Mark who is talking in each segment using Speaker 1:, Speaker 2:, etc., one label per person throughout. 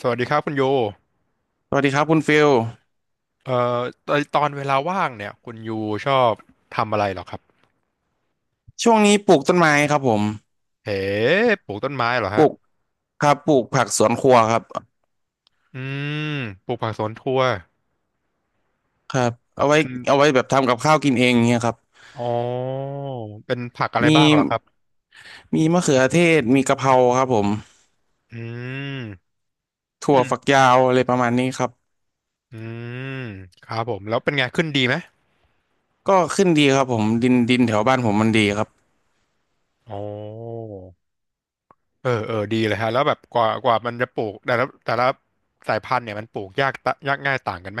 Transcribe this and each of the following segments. Speaker 1: สวัสดีครับคุณยู
Speaker 2: สวัสดีครับคุณฟิล
Speaker 1: เอ่อตอนเวลาว่างเนี่ยคุณยูชอบทำอะไรเหรอครับ
Speaker 2: ช่วงนี้ปลูกต้นไม้ครับผม
Speaker 1: เอ๋ปลูกต้นไม้เหรอ
Speaker 2: ป
Speaker 1: ฮะ
Speaker 2: ลูกครับปลูกผักสวนครัวครับ
Speaker 1: อืมปลูกผักสวนครัว
Speaker 2: ครับเอาไว้
Speaker 1: เป็น
Speaker 2: เอาไว้แบบทำกับข้าวกินเองเงี้ยครับ
Speaker 1: อ๋อเป็นผักอะไร
Speaker 2: มี
Speaker 1: บ้างเหรอครับ
Speaker 2: มีมะเขือเทศมีกะเพราครับผม
Speaker 1: อืม
Speaker 2: ถั่
Speaker 1: อื
Speaker 2: วฝัก
Speaker 1: ม
Speaker 2: ยาวอะไรประมาณนี้ครับ
Speaker 1: อืมครับผม แล้วเป็นไงขึ้นดีไหม
Speaker 2: ก็ขึ้นดีครับผมดินแถวบ้านผมมันดีครับ
Speaker 1: อ๋อเออเออดีเลยฮะแล้วแบบกว่ามันจะปลูก แต่ละสายพันธุ์เนี่ยมันปลูกยากง่ายต่างกันไหม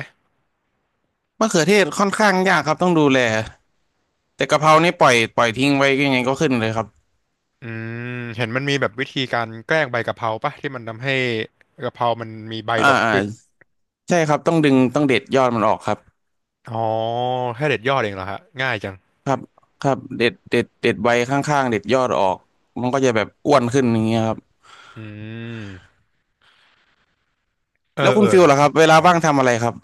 Speaker 2: มะเขือเทศค่อนข้างยากครับต้องดูแลแต่กะเพรานี่ปล่อยทิ้งไว้ยังไงก็ขึ้นเลยครับ
Speaker 1: อืมเห็นมันมีแบบวิธีการแกล้งใบกะเพราปะที่มันทำให้กะเพรามันมีใบ
Speaker 2: อ่า
Speaker 1: ดก
Speaker 2: อ่า
Speaker 1: ขึ้น
Speaker 2: ใช่ครับต้องดึงต้องเด็ดยอดมันออกครับ
Speaker 1: อ๋อแค่เด็ดยอดเองเหรอฮะง่ายจัง
Speaker 2: ครับครับเด็ดใบข้างๆเด็ดยอดออกมันก็จะแบบอ้วนขึ้นอย่างเงี้ยครับ
Speaker 1: อืมเอ
Speaker 2: แล้ว
Speaker 1: อ
Speaker 2: คุ
Speaker 1: เอ
Speaker 2: ณ
Speaker 1: อ
Speaker 2: ฟิลล่ะครับเวลา
Speaker 1: ใช่
Speaker 2: ว่างทำอะไรครับ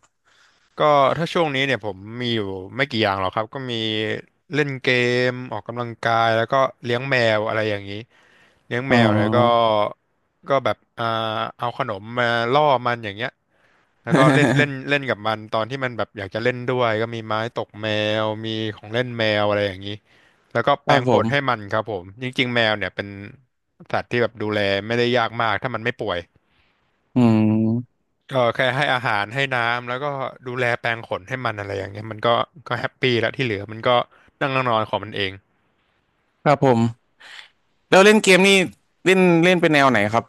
Speaker 1: ก็ถ้าช่วงนี้เนี่ยผมมีอยู่ไม่กี่อย่างหรอกครับก็มีเล่นเกมออกกำลังกายแล้วก็เลี้ยงแมวอะไรอย่างนี้เลี้ยง
Speaker 2: อ๋
Speaker 1: แม
Speaker 2: อ
Speaker 1: วเนี่ยก็แบบเอาขนมมาล่อมันอย่างเงี้ยแล้วก็เล่นเล่น เล่นกับมันตอนที่มันแบบอยากจะเล่นด้วยก็มีไม้ตกแมวมีของเล่นแมวอะไรอย่างนี้แล้วก็
Speaker 2: ค
Speaker 1: แปร
Speaker 2: รับ
Speaker 1: ง
Speaker 2: ผ
Speaker 1: ขนให้
Speaker 2: ม
Speaker 1: มันครับผมจริงๆแมวเนี่ยเป็นสัตว์ที่แบบดูแลไม่ได้ยากมากถ้ามันไม่ป่วย
Speaker 2: อืม
Speaker 1: เออแค่ให้อาหารให้น้ำแล้วก็ดูแลแปรงขนให้มันอะไรอย่างเงี้ยมันก็แฮปปี้แล้วที่เหลือมันก็นั่งนอนของมันเอง
Speaker 2: ครับผมแล้วเล่นเกมนี่เล่นเล่นเป็นแนวไหนครับ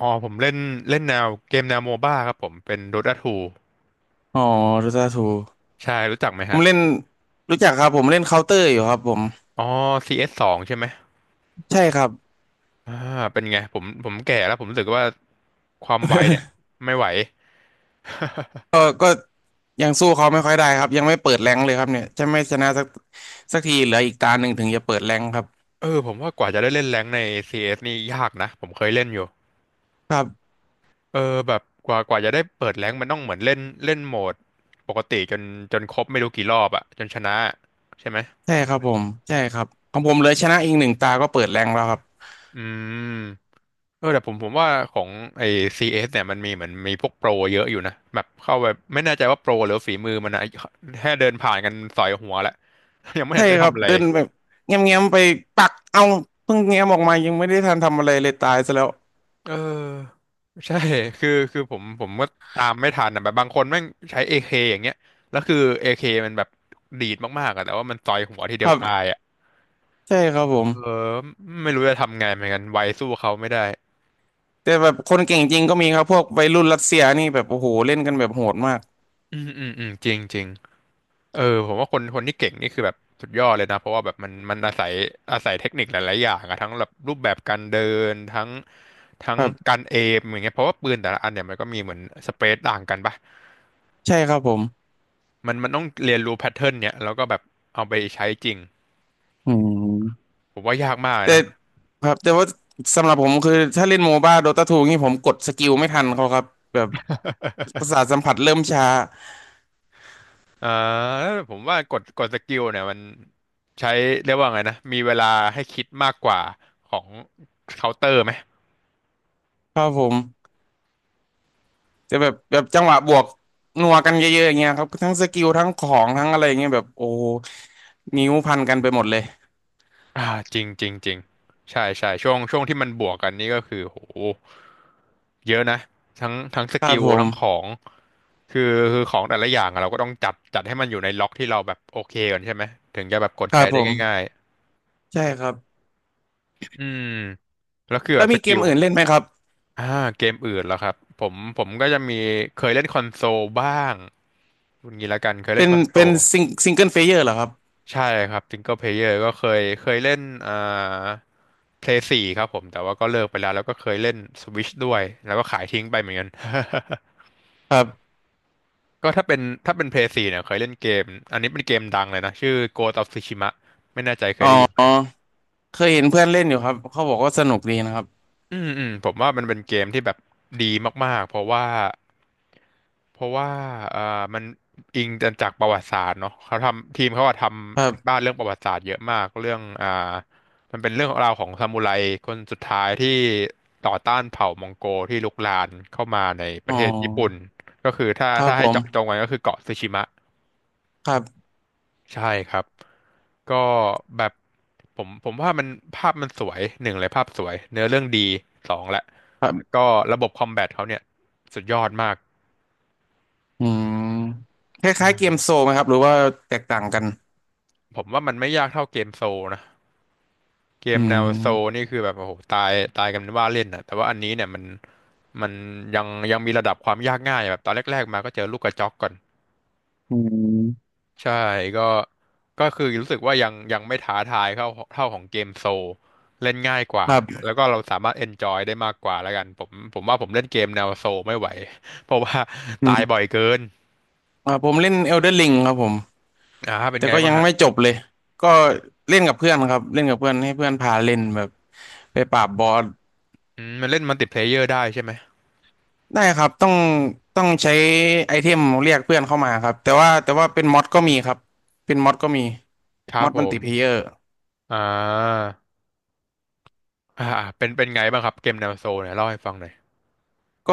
Speaker 1: อ๋อผมเล่นเล่นแนวเกมแนวโมบ้าครับผมเป็น Dota 2
Speaker 2: อ๋อดูตาทู
Speaker 1: ใช่รู้จักไหม
Speaker 2: ผ
Speaker 1: ฮะ
Speaker 2: มเล่นรู้จักครับผมเล่นเคาน์เตอร์อยู่ครับผม
Speaker 1: อ๋อ CS สสองใช่ไหม
Speaker 2: ใช่ครับ
Speaker 1: อ่าเป็นไงผมแก่แล้วผมรู้สึกว่าความไวเนี่ยไม่ไหว
Speaker 2: ก็ยังสู้เขาไม่ค่อยได้ครับยังไม่เปิดแรงค์เลยครับเนี่ยจะไม่ชนะสักสักทีเหลืออีกตาหนึ่งถึงจะเปิดแรงค์ครับ
Speaker 1: เออผมว่ากว่าจะได้เล่นแรงค์ใน CS นี่ยากนะผมเคยเล่นอยู่
Speaker 2: ครับ
Speaker 1: เออแบบกว่าจะได้เปิดแรงค์มันต้องเหมือนเล่นเล่นโหมดปกติจนครบไม่รู้กี่รอบอะจนชนะใช่ไหม
Speaker 2: ใช่ครับผมใช่ครับของผมเลยชนะอีกหนึ่งตาก็เปิดแรงแล้วครับ
Speaker 1: อืมเออแต่ผมว่าของไอ้ CS เอสเนี่ยมันมีเหมือนมีพวกโปรเยอะอยู่นะแบบเข้าไปไม่แน่ใจว่าโปรหรือฝีมือมันนะแค่เดินผ่านกันสอยหัวแล้ว ยังไม่เห็
Speaker 2: ใช่
Speaker 1: นได้
Speaker 2: ครับ
Speaker 1: ทำอะไร
Speaker 2: เดินแบบเงี้ยมๆไปปักเอาเพิ่งเง้ยมออกมายังไม่ได้ทันทำอะไรเลยตายซะแล้ว
Speaker 1: เออใช่คือผมก็ตามไม่ทันนะแบบบางคนแม่งใช้ AK อย่างเงี้ยแล้วคือ AK มันแบบดีดมากๆอะแต่ว่ามันต่อยหัวทีเดี
Speaker 2: ค
Speaker 1: ยว
Speaker 2: รั
Speaker 1: ตาย
Speaker 2: บ
Speaker 1: อะ
Speaker 2: ใช่ครับผม
Speaker 1: เออไม่รู้จะทำไงเหมือนกันไวสู้เขาไม่ได้
Speaker 2: แต่แบบคนเก่งจริงก็มีครับพวกวัยรุ่นรัสเซียนี่แบบโอ้โหเล่นกันแบบโหดมาก
Speaker 1: อืมอืมอืมจริงจริง เออผมว่าคนคนที่เก่งนี่คือแบบสุดยอดเลยนะเพราะว่าแบบมันอาศัยเทคนิคหลายๆอย่างอะทั้งแบบรูปแบบการเดินทั้งทั้
Speaker 2: ค
Speaker 1: ง
Speaker 2: รั
Speaker 1: กา
Speaker 2: บ
Speaker 1: รเอมอย่างเงี้ยเพราะว่าปืนแต่ละอันเนี่ยมันก็มีเหมือนสเปซต่างกันปะ
Speaker 2: ใช่ครับผม
Speaker 1: มันต้องเรียนรู้แพทเทิร์นเนี่ยแล้วก็แบบเอาไปใช้จริง
Speaker 2: อืม
Speaker 1: ผมว่ายากมากเลย
Speaker 2: แต่
Speaker 1: นะ
Speaker 2: ครับแต่ว่าสำหรับผมคือถ้าเล่นโมบ้าโดตาทูนี่ผมกดสกิลไม่ทันเขาครับแบบประสาทสัมผัสเริ่มช้า
Speaker 1: อ่าแล้วผมว่ากดสกิลเนี่ยมันใช้เรียกว่าไงนะมีเวลาให้คิดมากกว่าของเคาน์เตอร์ไหม
Speaker 2: ครับผม จะแบบแบบจังหวะบวกนัวกันเยอะๆอย่างเงี้ยครับทั้งสกิลทั้งของทั้งอะไรอย่างเงี้ยแบบโอ้โหนิ้วพันกันไปหมดเลย
Speaker 1: อ่าจริงจริงจริงใช่ใช่ช่วงที่มันบวกกันนี่ก็คือโหเยอะนะทั้งส
Speaker 2: ครั
Speaker 1: กิ
Speaker 2: บ
Speaker 1: ล
Speaker 2: ผ
Speaker 1: ทั้งข
Speaker 2: ม
Speaker 1: องคือคือของแต่ละอย่างอะเราก็ต้องจัดให้มันอยู่ในล็อกที่เราแบบโอเคก่อนใช่ไหมถึงจะแบบกด
Speaker 2: ครั
Speaker 1: ใช้
Speaker 2: บผ
Speaker 1: ได้ง่าย
Speaker 2: มใช่ครับ
Speaker 1: ๆอืมแล้วคือแบ
Speaker 2: แล้ว
Speaker 1: บส
Speaker 2: มีเก
Speaker 1: กิ
Speaker 2: ม
Speaker 1: ล
Speaker 2: อื่นเล่นไหมครับ
Speaker 1: อ่าเกมอื่นแล้วครับผมก็จะมีเคยเล่นคอนโซลบ้างคุณงี้ละกันเคยเล่
Speaker 2: เป็
Speaker 1: น
Speaker 2: น
Speaker 1: คอนโซ
Speaker 2: เป็น
Speaker 1: ล
Speaker 2: ซิงเกิลเพลเยอร์เหรอครับ
Speaker 1: ใช่ครับซิงเกิลเพลเยอร์ก็เคยเล่นอ่าเพลย์สี่ครับผม แต่ว่าก็เลิกไปแล้วแล้วก็เคยเล่นสวิชด้วย แล้วก็ขายทิ้งไปเหมือนกัน
Speaker 2: ครับ
Speaker 1: ก็ถ้าเป็นเพลย์สี่เนี่ยเคยเล่นเกม อันนี้เป็นเกมดังเลยนะ ชื่อ Ghost of Tsushima ไม่แน่ใจเคย
Speaker 2: อ๋
Speaker 1: ได้ยินไหม
Speaker 2: อเคยเห็นเพื่อนเล่นอยู่ครับเขาบอกว่าสนุกดีนะครับ
Speaker 1: อืมอืมผมว่ามันเป็นเกมที่แบบดีมากๆเพราะว่าเอ่อมันอิงจากประวัติศาสตร์เนาะเขาทำทีมเขาอะท
Speaker 2: ครั
Speaker 1: ำกันบ้า
Speaker 2: บ
Speaker 1: นเรื่องประวัติศาสตร์เยอะมากเรื่องมันเป็นเรื่องราวของซามูไรคนสุดท้ายที่ต่อต้านเผ่ามองโกที่ลุกลานเข้ามาในป
Speaker 2: อ๋อ
Speaker 1: ระเทศญี่ปุ่นก็คือถ้า
Speaker 2: ครับ
Speaker 1: ถ้า
Speaker 2: ผ
Speaker 1: ให้
Speaker 2: ม
Speaker 1: เจาะจงกันก็คือเกาะสึชิมะ
Speaker 2: ครับ
Speaker 1: ใช่ครับ ก็แบบผมว่ามันภาพมันสวยหนึ่งเลยภาพสวยเนื้อเรื่องดีสองแหละ
Speaker 2: ครั
Speaker 1: แล้ว
Speaker 2: บ
Speaker 1: ก็ระบบคอมแบทเขาเนี่ยสุดยอดมาก
Speaker 2: อืมค
Speaker 1: ใช่
Speaker 2: ล้ายๆเกมโซลไหมครับหรือว่าแตกต่างกัน
Speaker 1: ผมว่ามันไม่ยากเท่าเกมโซลนะเก
Speaker 2: อื
Speaker 1: มแนวโซล
Speaker 2: ม
Speaker 1: นี่คือแบบโอ้โหตายกันเป็นว่าเล่นนะแต่ว่าอันนี้เนี่ยมันยังยังมีระดับความยากง่ายแบบตอนแรกๆมาก็เจอลูกกระจอกก่อน
Speaker 2: อืม
Speaker 1: ใช่ก็ก็คือรู้สึกว่ายังไม่ท้าทายเท่าของเกมโซลเล่นง่ายกว่า
Speaker 2: ค
Speaker 1: แล้
Speaker 2: รั
Speaker 1: ว
Speaker 2: บ
Speaker 1: ก็เราสามารถเอนจอยได้มากกว่าแล้วกันผมว่าผมเล่นเกมแนวโซลไม่ไหว เพราะว่า
Speaker 2: อื
Speaker 1: ตายบ่อย
Speaker 2: ม
Speaker 1: เกิน
Speaker 2: อ่าผมเล่น Elden Ring ครับผม
Speaker 1: อ่าเป็น
Speaker 2: แต่
Speaker 1: ไง
Speaker 2: ก็
Speaker 1: บ้า
Speaker 2: ยั
Speaker 1: ง
Speaker 2: ง
Speaker 1: ฮะ
Speaker 2: ไม่จบเลย ก็เล่นกับเพื่อนครับเล่นกับเพื่อนให้เพื่อนพาเล่นแบบไปปราบบอส
Speaker 1: อืมมันเล่นมัลติเพลเยอร์ได้ใช่ไหม
Speaker 2: ได้ครับต้องใช้ไอเทมเรียกเพื่อนเข้ามาครับแต่ว่าแต่ว่าเป็นมอดก็มีครับเป็นมอดก็มี
Speaker 1: ครั
Speaker 2: ม
Speaker 1: บ
Speaker 2: อด
Speaker 1: ผ
Speaker 2: มัลติเพลเยอ
Speaker 1: ม
Speaker 2: ร์
Speaker 1: อ่าอ่าเป็นไงบ้างครับเกมแนวโซลเนี่ยเล่าให้ฟังหน่อย
Speaker 2: ก็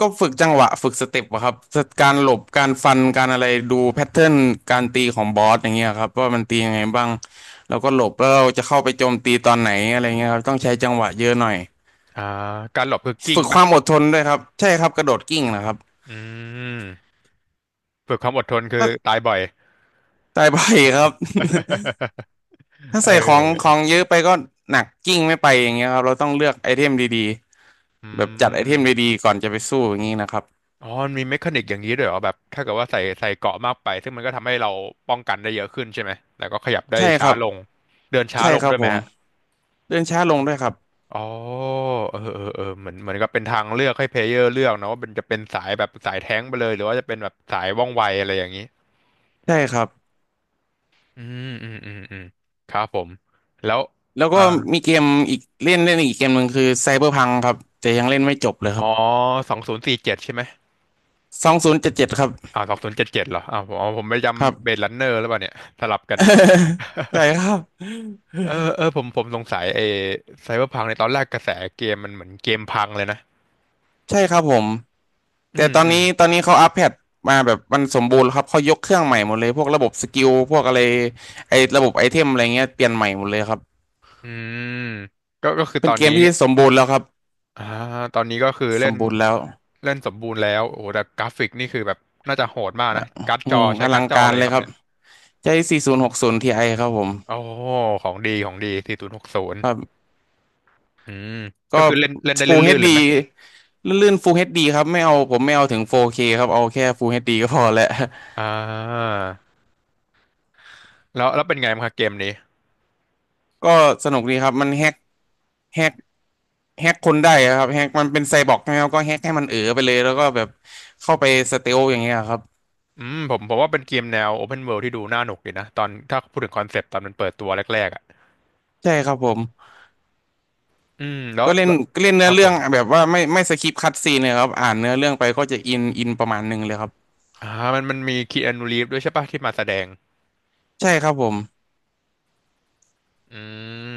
Speaker 2: ก็ฝึกจังหวะฝึกสเต็ปอะครับสการหลบการฟันการอะไรดูแพทเทิร์นการตีของบอสอย่างเงี้ยครับว่ามันตียังไงบ้างแล้วก็หลบแล้วเราจะเข้าไปโจมตีตอนไหนอะไรเงี้ยครับต้องใช้จังหวะเยอะหน่อย
Speaker 1: อ่าการหลบคือกิ้ง
Speaker 2: ฝึกค
Speaker 1: ป่ะ
Speaker 2: วามอดทนด้วยครับใช่ครับกระโดดกิ้งนะครับ
Speaker 1: อืมฝึกความอดทนคือ
Speaker 2: ถ้า
Speaker 1: ตายบ่อย
Speaker 2: ใส่ไปครับ ถ้าใส่ของข
Speaker 1: เออ
Speaker 2: องเยอะไปก็หนักกิ้งไม่ไปอย่างเงี้ยครับเราต้องเลือกไอเทมดี
Speaker 1: อื
Speaker 2: ๆแบบจัดไอเทมดี
Speaker 1: ม
Speaker 2: ๆก่อนจะไปสู้อย่างงี้นะครับ
Speaker 1: อ๋อมันมีเมคานิกอย่างนี้ด้วยเหรอแบบถ้าเกิดว่าใส่เกราะมากไปซึ่งมันก็ทำให้เราป้องกันได้เยอะขึ้นใช่ไหมแล้วก็ขยับได้
Speaker 2: ใช่ค
Speaker 1: ช้า
Speaker 2: รับ
Speaker 1: ลง เดินช้า
Speaker 2: ใช่
Speaker 1: ลง
Speaker 2: ครั
Speaker 1: ด้
Speaker 2: บ
Speaker 1: วยไห
Speaker 2: ผ
Speaker 1: ม
Speaker 2: ม
Speaker 1: ฮะ
Speaker 2: เดินช้าลงด้วยครับ
Speaker 1: อ๋อเออเหมือนกับเป็นทางเลือกให้เพลเยอร์เลือกนะว่าเป็นจะเป็นสายแบบสายแท้งไปเลยหรือว่าจะเป็นแบบสายว่องไวอะไรอย่างนี้
Speaker 2: ใช่ครับ
Speaker 1: อืมครับผม แล้ว
Speaker 2: แล้ว
Speaker 1: อ่า
Speaker 2: ก็มีเกมอีกเล่นเล่นอีกเกมหนึ่งคือไซเบอร์พังครับแต่ยังเล่นไม่จบเลยค
Speaker 1: อ๋อ
Speaker 2: รับ
Speaker 1: 2047ใช่ไหม
Speaker 2: สองศูนย์เจ็ดเจ็ดครับ
Speaker 1: อ่า2077เหรออ่าผมอ๋อผมไป
Speaker 2: ครับ
Speaker 1: จำเบลดรันเนอร์หรือเปล่าเนี่ย สลับกัน
Speaker 2: ใช่ครับ
Speaker 1: เออผมสงสัยไอ้ไซเบอร์พังในตอนแรกกระแสเกมมันเหมือนเกมพังเลยนะ
Speaker 2: ใช่ครับผม
Speaker 1: อื
Speaker 2: แต่
Speaker 1: ม
Speaker 2: ตอน
Speaker 1: อืม
Speaker 2: นี้ตอนนี้เขาอัปเดตมาแบบมันสมบูรณ์แล้วครับเขายกเครื่องใหม่หมดเลยพวกระบบสกิลพวกอะไรไอ้ระบบไอเทมอะไรเงี้ยเปลี่ยนใหม่หมดเลยครับ
Speaker 1: อืมก็คือ
Speaker 2: เป็
Speaker 1: ต
Speaker 2: น
Speaker 1: อน
Speaker 2: เก
Speaker 1: นี้
Speaker 2: มที่สมบูรณ์แล้วครับ
Speaker 1: อ่าตอนนี้ก็คือ
Speaker 2: ส
Speaker 1: เล่
Speaker 2: ม
Speaker 1: น
Speaker 2: บูรณ์แล้ว
Speaker 1: เล่นสมบูรณ์แล้วโอ้โหแต่กราฟิกนี่คือแบบน่าจะโหดมาก
Speaker 2: อ่ะ
Speaker 1: นะการ์ด
Speaker 2: อื
Speaker 1: จอ
Speaker 2: ม
Speaker 1: ใช้
Speaker 2: อ
Speaker 1: กา
Speaker 2: ลั
Speaker 1: ร์ด
Speaker 2: ง
Speaker 1: จอ
Speaker 2: กา
Speaker 1: อะ
Speaker 2: ร
Speaker 1: ไร
Speaker 2: เล
Speaker 1: ค
Speaker 2: ย
Speaker 1: รั
Speaker 2: ค
Speaker 1: บ
Speaker 2: รับ
Speaker 1: เนี่ย
Speaker 2: ใช้4060 Ti ครับผม
Speaker 1: โอ้โหของดีของดี4060
Speaker 2: ครับ
Speaker 1: อืม
Speaker 2: ก็
Speaker 1: ก็คือเล่นเล่นได้
Speaker 2: Full
Speaker 1: ลื่นๆเล
Speaker 2: HD
Speaker 1: ยไหม
Speaker 2: ลื่นๆ Full เอชดีครับไม่เอาผมไม่เอาถึง 4K คครับเอาแค่ Full เอชดีก็พอแหละ
Speaker 1: อ่าแล้วเป็นไงบ้างครับเกมนี้
Speaker 2: ก็สนุกดีครับมันแฮก แฮกคนได้อะครับแฮกมันเป็นไซบอร์กใช่ไหมครับก็แฮกให้มันเอ๋อไปเลยแล้วก็แบบเข้าไปสเตลอย่างเงี้ยครับ
Speaker 1: อืมผมว่าเป็นเกมแนว Open World ที่ดูน่าหนุกดีนะตอนถ้าพูดถึงคอนเซปต์ตอนมันเปิดตัวแรกๆอะ
Speaker 2: ใช่ครับผม
Speaker 1: อืมแล้ว
Speaker 2: ก็เล่น
Speaker 1: แล้ว
Speaker 2: ก็เล่น
Speaker 1: ค
Speaker 2: เนื้อ
Speaker 1: รับผ
Speaker 2: เรื่อง
Speaker 1: ม
Speaker 2: แบบว่าไม่สคิปคัตซีนเลยครับอ่านเนื้อเรื่องไปก็จะอินประมาณหนึ่งเลยครับ
Speaker 1: อ่ามันมีคีอานูรีฟด้วยใช่ปะที่มาแสดง
Speaker 2: ใช่ครับผม
Speaker 1: อื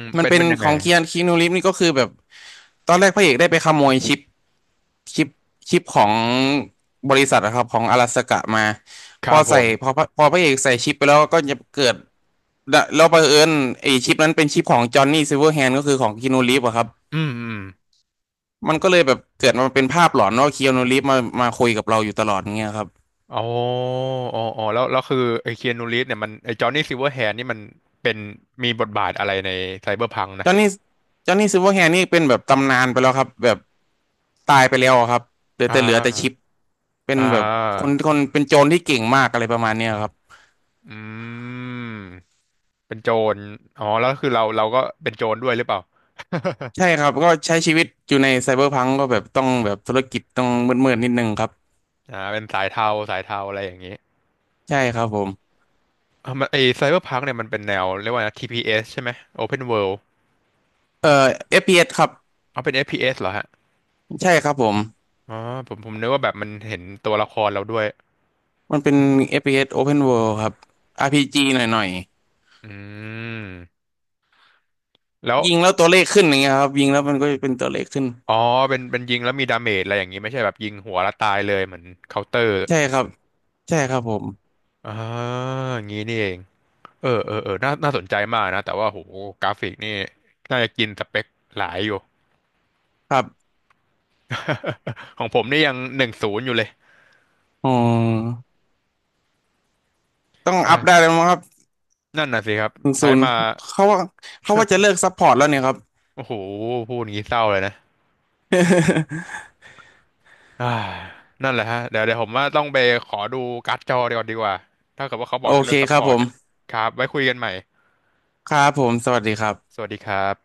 Speaker 1: ม
Speaker 2: มัน
Speaker 1: เป็น
Speaker 2: เป็น
Speaker 1: เป็นยัง
Speaker 2: ข
Speaker 1: ไง
Speaker 2: องเคียนคีนูริฟนี่ก็คือแบบตอนแรกพระเอกได้ไปขโมยชิปชิปชิปของบริษัทอะครับของอลาสกะมา
Speaker 1: ค
Speaker 2: พ
Speaker 1: รั
Speaker 2: อ
Speaker 1: บผ
Speaker 2: ใส่
Speaker 1: ม
Speaker 2: พอพระพอพระเอกใส่ชิปไปแล้วก็จะเกิดแล้วบังเอิญไอ้ชิปนั้นเป็นชิปของจอห์นนี่ซิลเวอร์แฮนด์ก็คือของคีนูริฟอะครับ
Speaker 1: อืมอืม
Speaker 2: มันก็เลยแบบเกิดมาเป็นภาพหลอนว่าเคีอานูรีฟส์มามาคุยกับเราอยู่ตลอดเงี้ยครับ
Speaker 1: อ๋ออ๋อแล้วคือไอ้คีอานูรีฟเนี่ยมันไอ้จอห์นนี่ซิลเวอร์แฮนด์นี่มันเป็นมีบทบาทอะไรในไซเบอร์พัง
Speaker 2: จ
Speaker 1: นะ
Speaker 2: อห์นนี่จอห์นนี่ซิลเวอร์แฮนด์นี่เป็นแบบตำนานไปแล้วครับแบบตายไปแล้วครับเหลือ
Speaker 1: อ่
Speaker 2: แต่เหลือแต่ชิป
Speaker 1: า
Speaker 2: เป็น
Speaker 1: อ่
Speaker 2: แบบค
Speaker 1: า
Speaker 2: นคนเป็นโจรที่เก่งมากอะไรประมาณเนี้ยครับ
Speaker 1: อืมเป็นโจรอ๋อแล้วคือเราก็เป็นโจรด้วยหรือเปล่า
Speaker 2: ใช่ครับก็ใช้ชีวิตอยู่ในไซเบอร์พังก็แบบต้องแบบธุรกิจต้องมืดๆนิดนึงครับ
Speaker 1: อ่าเป็นสายเทาสายเทาอะไรอย่างนี้
Speaker 2: ใช่ครับผม
Speaker 1: อ่ามันไอ้ไซเบอร์พังเนี่ยมันเป็นแนวเรียกว่านะ TPS ใช่ไหม Open World
Speaker 2: เอ่อ FPS ครับ
Speaker 1: เอาเป็น FPS เอสเหรอฮะ
Speaker 2: ใช่ครับผม
Speaker 1: อ๋อผมนึกว่าแบบมันเห็นตัวละครเราด้วย
Speaker 2: มันเป็น FPS Open World ครับ RPG หน่อย
Speaker 1: อืมแล้ว
Speaker 2: ๆยิงแล้วตัวเลขขึ้นอย่างเงี้ยครับยิงแล้วมันก็เป็นตัวเลขขึ้น
Speaker 1: อ๋อเป็นยิงแล้วมีดาเมจอะไรอย่างนี้ไม่ใช่แบบยิงหัวแล้วตายเลยเหมือนเคาน์เตอร์
Speaker 2: ใช่ครับ ใช่ครับผม
Speaker 1: อ่าอย่างนี้นี่เองเออน่าน่าสนใจมากนะแต่ว่าโหกราฟิกนี่น่าจะกินสเปคหลายอยู่
Speaker 2: ครับ
Speaker 1: ของผมนี่ยัง10อยู่เลย
Speaker 2: อ๋อต้องอัพได้
Speaker 1: ใช่
Speaker 2: แล้วมั้งครับ
Speaker 1: นั่นน่ะสิครับใช้
Speaker 2: ศูนย์
Speaker 1: มา
Speaker 2: เขาว่าเขาว่าจะเลิกซัพพอร์ตแล้วเนี่ยครับ
Speaker 1: โอ้โหพูดอย่างนี้เศร้าเลยนะ อ่านั่นแหละฮะเดี๋ยวผมว่าต้องไปขอดูการ์ดจอเดี๋ยวกอดีกว่าถ้าเกิดว่าเขาบอ
Speaker 2: โอ
Speaker 1: กจะเลิ
Speaker 2: เค
Speaker 1: กซัพ
Speaker 2: ค
Speaker 1: พ
Speaker 2: รับ
Speaker 1: อร์
Speaker 2: ผ
Speaker 1: ตเนี่ย
Speaker 2: ม
Speaker 1: ครับไว้คุยกันใหม่
Speaker 2: ครับผม สวัสดีครั
Speaker 1: ส
Speaker 2: บ
Speaker 1: วัสดีครับ